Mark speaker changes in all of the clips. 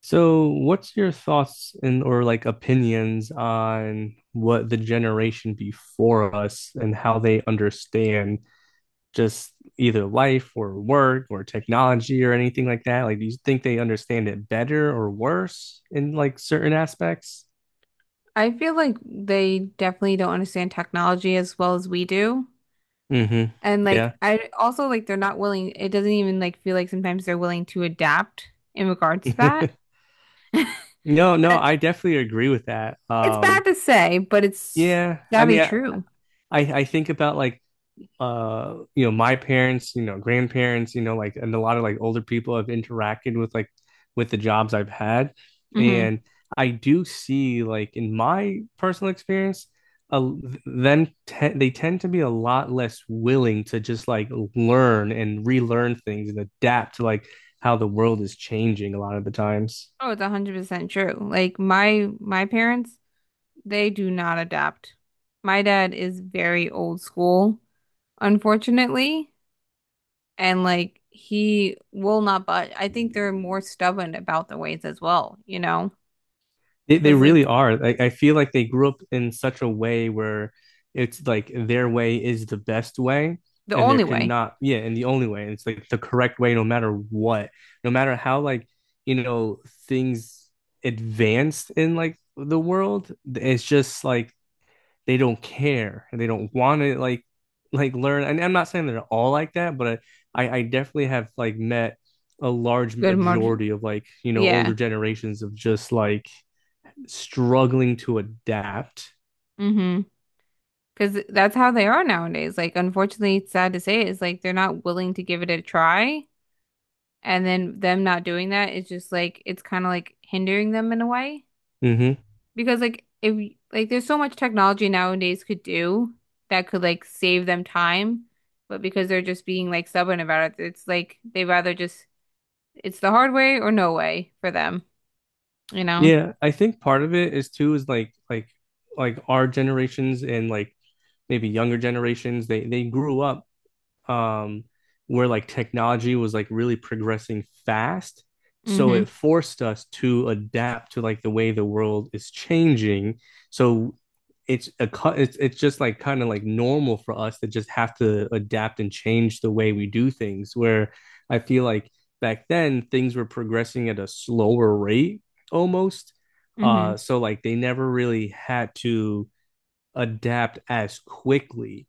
Speaker 1: So, what's your thoughts and or like opinions on what the generation before us and how they understand just either life or work or technology or anything like that? Like, do you think they understand it better or worse in like certain aspects?
Speaker 2: I feel like they definitely don't understand technology as well as we do.
Speaker 1: Hmm.
Speaker 2: And like
Speaker 1: Yeah.
Speaker 2: I also like they're not willing, it doesn't even like feel like sometimes they're willing to adapt in regards to that.
Speaker 1: No, no,
Speaker 2: And
Speaker 1: I definitely agree with that.
Speaker 2: It's bad to say, but it's
Speaker 1: Yeah, I
Speaker 2: sadly
Speaker 1: mean, I,
Speaker 2: true.
Speaker 1: I I think about like you know my parents, you know, grandparents, you know, like, and a lot of like older people have interacted with, like, with the jobs I've had,
Speaker 2: Hmm
Speaker 1: and I do see like in my personal experience, uh, they tend to be a lot less willing to just like learn and relearn things and adapt to like how the world is changing a lot of the times.
Speaker 2: Oh, it's 100% true. Like my parents, they do not adapt. My dad is very old school, unfortunately. And like he will not budge. I think they're more stubborn about the ways as well, you know,
Speaker 1: They
Speaker 2: because
Speaker 1: really
Speaker 2: like
Speaker 1: are. Like, I feel like they grew up in such a way where it's like their way is the best way,
Speaker 2: the
Speaker 1: and there
Speaker 2: only
Speaker 1: could
Speaker 2: way,
Speaker 1: not, yeah, and the only way. And it's like the correct way, no matter what, no matter how, like, you know, things advanced in like the world. It's just like they don't care and they don't want to like learn. And I'm not saying they're all like that, but I definitely have like met a large
Speaker 2: good margin,
Speaker 1: majority of like, you know,
Speaker 2: yeah,
Speaker 1: older generations of just like struggling to adapt.
Speaker 2: mm-hmm, because that's how they are nowadays. Like, unfortunately, it's sad to say, is like they're not willing to give it a try, and then them not doing that is just like it's kind of like hindering them in a way
Speaker 1: Mm-hmm.
Speaker 2: because like if like there's so much technology nowadays could do that could like save them time. But because they're just being like stubborn about it, it's like they rather just. It's the hard way or no way for them, you know?
Speaker 1: Yeah, I think part of it is too is like our generations and like maybe younger generations, they grew up, um, where like technology was like really progressing fast. So it
Speaker 2: Mm-hmm.
Speaker 1: forced us to adapt to like the way the world is changing. So it's a cu- it's just like kind of like normal for us to just have to adapt and change the way we do things. Where I feel like back then things were progressing at a slower rate almost.
Speaker 2: Mm-hmm.
Speaker 1: So like they never really had to adapt as quickly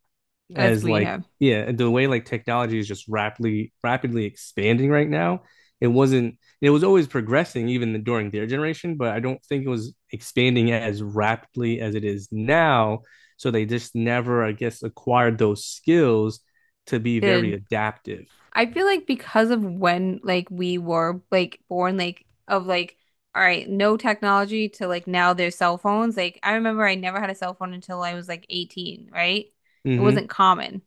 Speaker 2: As
Speaker 1: as
Speaker 2: we
Speaker 1: like,
Speaker 2: have
Speaker 1: yeah, the way like technology is just rapidly expanding right now. It wasn't, it was always progressing even during their generation, but I don't think it was expanding as rapidly as it is now, so they just never, I guess, acquired those skills to be very
Speaker 2: did.
Speaker 1: adaptive.
Speaker 2: I feel like because of when like we were like born, like of like all right, no technology to like now there's cell phones. Like I remember I never had a cell phone until I was like 18, right? It
Speaker 1: Hmm.
Speaker 2: wasn't common.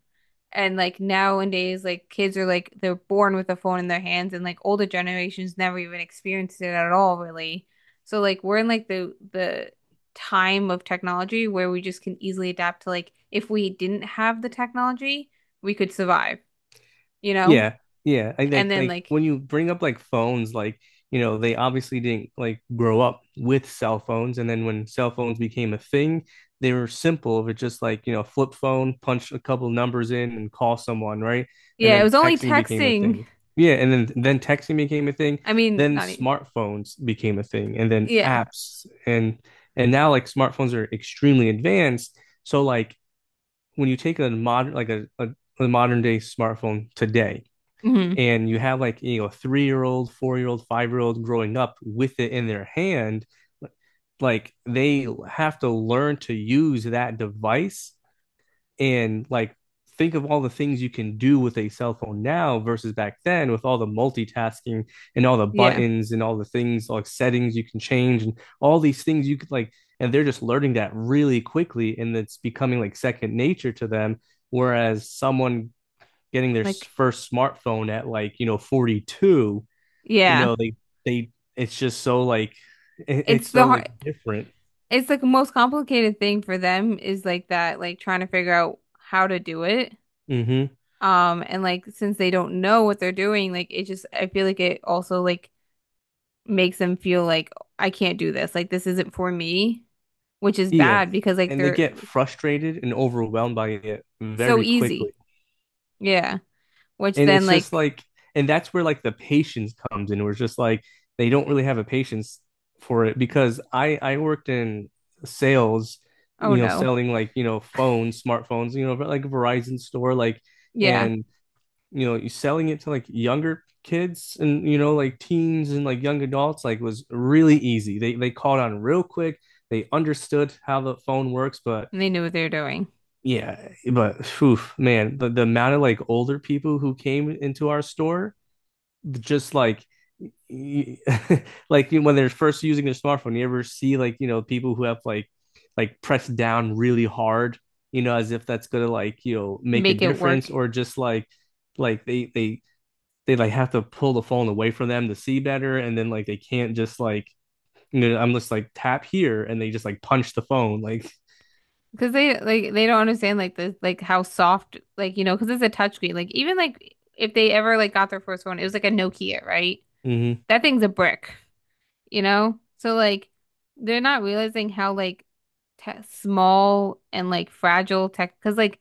Speaker 2: And like nowadays, like kids are like they're born with a phone in their hands, and like older generations never even experienced it at all, really. So like we're in like the time of technology where we just can easily adapt to like if we didn't have the technology, we could survive, you know?
Speaker 1: Yeah, yeah. I
Speaker 2: And then
Speaker 1: like
Speaker 2: like
Speaker 1: when you bring up like phones, like, you know, they obviously didn't like grow up with cell phones, and then when cell phones became a thing, they were simple. It was just like, you know, flip phone, punch a couple numbers in, and call someone, right? And
Speaker 2: yeah, it
Speaker 1: then
Speaker 2: was only
Speaker 1: texting became a
Speaker 2: texting.
Speaker 1: thing. Yeah, and then texting became a thing.
Speaker 2: I mean,
Speaker 1: Then
Speaker 2: not e-
Speaker 1: smartphones became a thing, and then
Speaker 2: yeah.
Speaker 1: apps, and now like smartphones are extremely advanced. So like when you take a modern like a modern day smartphone today,
Speaker 2: hmm
Speaker 1: and you have like, you know, 3 year old 4 year old 5 year old growing up with it in their hand, like they have to learn to use that device, and like think of all the things you can do with a cell phone now versus back then, with all the multitasking and all the
Speaker 2: Yeah.
Speaker 1: buttons and all the things like settings you can change and all these things you could like, and they're just learning that really quickly and it's becoming like second nature to them, whereas someone getting their
Speaker 2: Like
Speaker 1: first smartphone at, like, you know, 42, you
Speaker 2: yeah.
Speaker 1: know, they they it's just so like
Speaker 2: It's
Speaker 1: it's so
Speaker 2: the
Speaker 1: like
Speaker 2: hard.
Speaker 1: different.
Speaker 2: It's like the most complicated thing for them is like that, like trying to figure out how to do it.
Speaker 1: Hmm.
Speaker 2: And like since they don't know what they're doing, like it just I feel like it also like makes them feel like I can't do this. Like this isn't for me, which is
Speaker 1: Yeah.
Speaker 2: bad because like
Speaker 1: And they
Speaker 2: they're
Speaker 1: get frustrated and overwhelmed by it
Speaker 2: so
Speaker 1: very quickly.
Speaker 2: easy. Yeah. Which
Speaker 1: And
Speaker 2: then
Speaker 1: it's just
Speaker 2: like,
Speaker 1: like and that's where like the patience comes in. Where it's just like they don't really have a patience for it, because I worked in sales,
Speaker 2: oh
Speaker 1: you know,
Speaker 2: no.
Speaker 1: selling like, you know, phones, smartphones, you know, like Verizon store, like,
Speaker 2: Yeah.
Speaker 1: and you know, selling it to like younger kids, and you know, like teens and like young adults, like, was really easy. They caught on real quick. They understood how the phone works, but
Speaker 2: And they knew what they were doing.
Speaker 1: yeah, but oof, man, the amount of like older people who came into our store, just like like when they're first using their smartphone, you ever see like, you know, people who have like pressed down really hard, you know, as if that's gonna like, you know, make a
Speaker 2: Make it
Speaker 1: difference,
Speaker 2: work.
Speaker 1: or just like like they they like have to pull the phone away from them to see better, and then like they can't just like, you know, I'm just like tap here, and they just like punch the phone like.
Speaker 2: Because they like they don't understand like the like how soft like you know because it's a touchscreen like even like if they ever like got their first one it was like a Nokia right,
Speaker 1: Mm-hmm.
Speaker 2: that thing's a brick, you know, so like they're not realizing how like te small and like fragile tech because like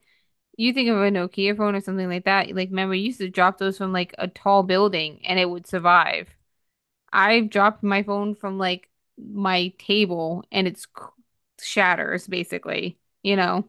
Speaker 2: you think of a Nokia phone or something like that like remember you used to drop those from like a tall building and it would survive. I've dropped my phone from like my table and it's cr- shatters basically, you know,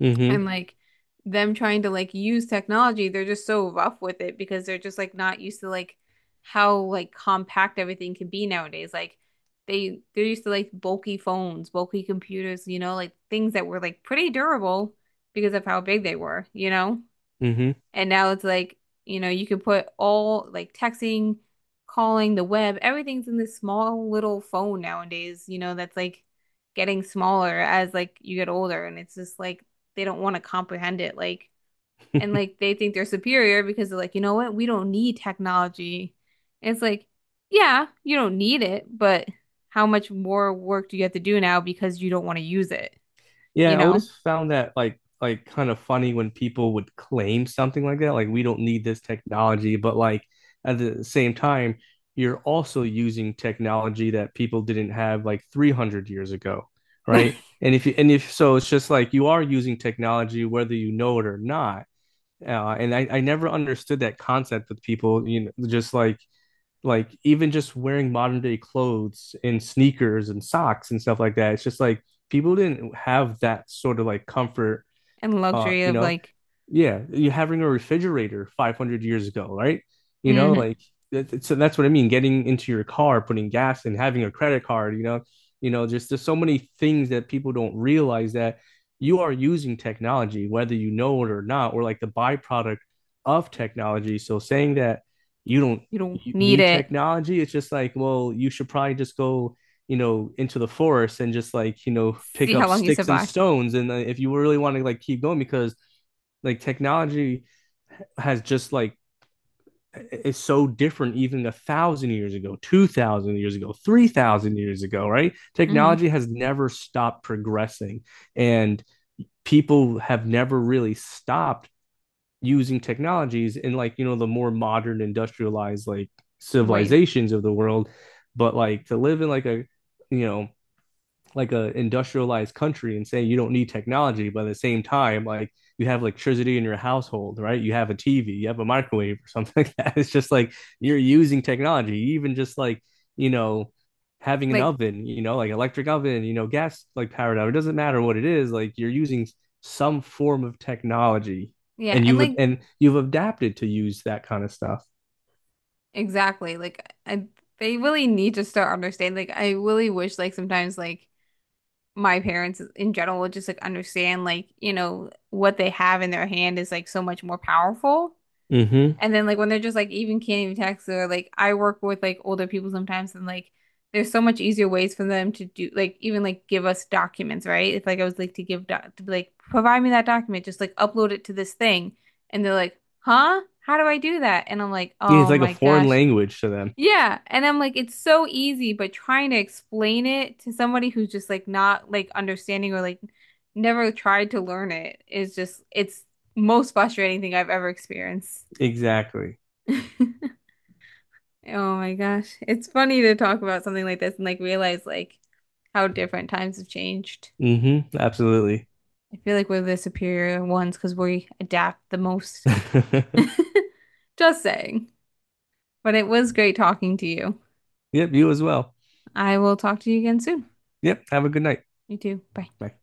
Speaker 1: Mm-hmm.
Speaker 2: and like them trying to like use technology, they're just so rough with it because they're just like not used to like how like compact everything can be nowadays. Like they're used to like bulky phones, bulky computers, you know, like things that were like pretty durable because of how big they were, you know?
Speaker 1: Mm-hmm.
Speaker 2: And now it's like, you know, you can put all like texting, calling, the web, everything's in this small little phone nowadays, you know, that's like getting smaller as like you get older. And it's just like they don't want to comprehend it. Like, and like they think they're superior because they're like, you know what? We don't need technology. And it's like, yeah, you don't need it, but how much more work do you have to do now because you don't want to use it,
Speaker 1: Yeah,
Speaker 2: you
Speaker 1: I
Speaker 2: know?
Speaker 1: always found that like kind of funny when people would claim something like that, like we don't need this technology, but like at the same time you're also using technology that people didn't have like 300 years ago, right? And if you, and if, so it's just like you are using technology whether you know it or not. And I never understood that concept with people, you know, just like even just wearing modern day clothes and sneakers and socks and stuff like that. It's just like people didn't have that sort of like comfort,
Speaker 2: And luxury
Speaker 1: you
Speaker 2: of
Speaker 1: know,
Speaker 2: like,
Speaker 1: yeah, you having a refrigerator 500 years ago, right? You know,
Speaker 2: mhm,
Speaker 1: like that- so that's what I mean. Getting into your car, putting gas in, having a credit card, you know, just there's so many things that people don't realize that you are using technology, whether you know it or not, or like the byproduct of technology. So saying that you don't
Speaker 2: you don't
Speaker 1: you
Speaker 2: need
Speaker 1: need
Speaker 2: it.
Speaker 1: technology, it's just like, well, you should probably just go, you know, into the forest and just like, you know,
Speaker 2: See
Speaker 1: pick
Speaker 2: how
Speaker 1: up
Speaker 2: long you
Speaker 1: sticks and
Speaker 2: survive.
Speaker 1: stones. And if you really want to like keep going, because like technology has just like is so different even 1,000 years ago, 2,000 years ago, 3,000 years ago, right?
Speaker 2: Hmm
Speaker 1: Technology has never stopped progressing, and people have never really stopped using technologies in like, you know, the more modern industrialized like
Speaker 2: Ways.
Speaker 1: civilizations of the world. But like, to live in like a, you know, like a industrialized country and saying you don't need technology, but at the same time, like, you have electricity in your household, right? You have a TV, you have a microwave, or something like that. It's just like you're using technology, even just like, you know, having an
Speaker 2: Like,
Speaker 1: oven, you know, like electric oven, you know, gas like powered oven. It doesn't matter what it is, like you're using some form of technology,
Speaker 2: yeah,
Speaker 1: and you
Speaker 2: and
Speaker 1: would,
Speaker 2: like
Speaker 1: and you've adapted to use that kind of stuff.
Speaker 2: exactly. Like I, they really need to start understanding. Like I really wish like sometimes like my parents in general would just like understand like, you know, what they have in their hand is like so much more powerful.
Speaker 1: Mm-hmm.
Speaker 2: And then like when they're just like even can't even text or like I work with like older people sometimes and like there's so much easier ways for them to do like even like give us documents, right? If like I was like to give doc to be like provide me that document, just like upload it to this thing. And they're like, "Huh? How do I do that?" And I'm like,
Speaker 1: Yeah, it's
Speaker 2: "Oh
Speaker 1: like a
Speaker 2: my
Speaker 1: foreign
Speaker 2: gosh."
Speaker 1: language to them.
Speaker 2: Yeah, and I'm like it's so easy, but trying to explain it to somebody who's just like not like understanding or like never tried to learn it is just it's most frustrating thing I've ever experienced.
Speaker 1: Exactly.
Speaker 2: Oh my gosh. It's funny to talk about something like this and like realize like how different times have changed.
Speaker 1: Mm-hmm. Absolutely.
Speaker 2: I feel like we're the superior ones because we adapt the most. Just saying. But it was great talking to you.
Speaker 1: Yep, you as well.
Speaker 2: I will talk to you again soon.
Speaker 1: Yep, have a good night.
Speaker 2: You too. Bye.
Speaker 1: Bye.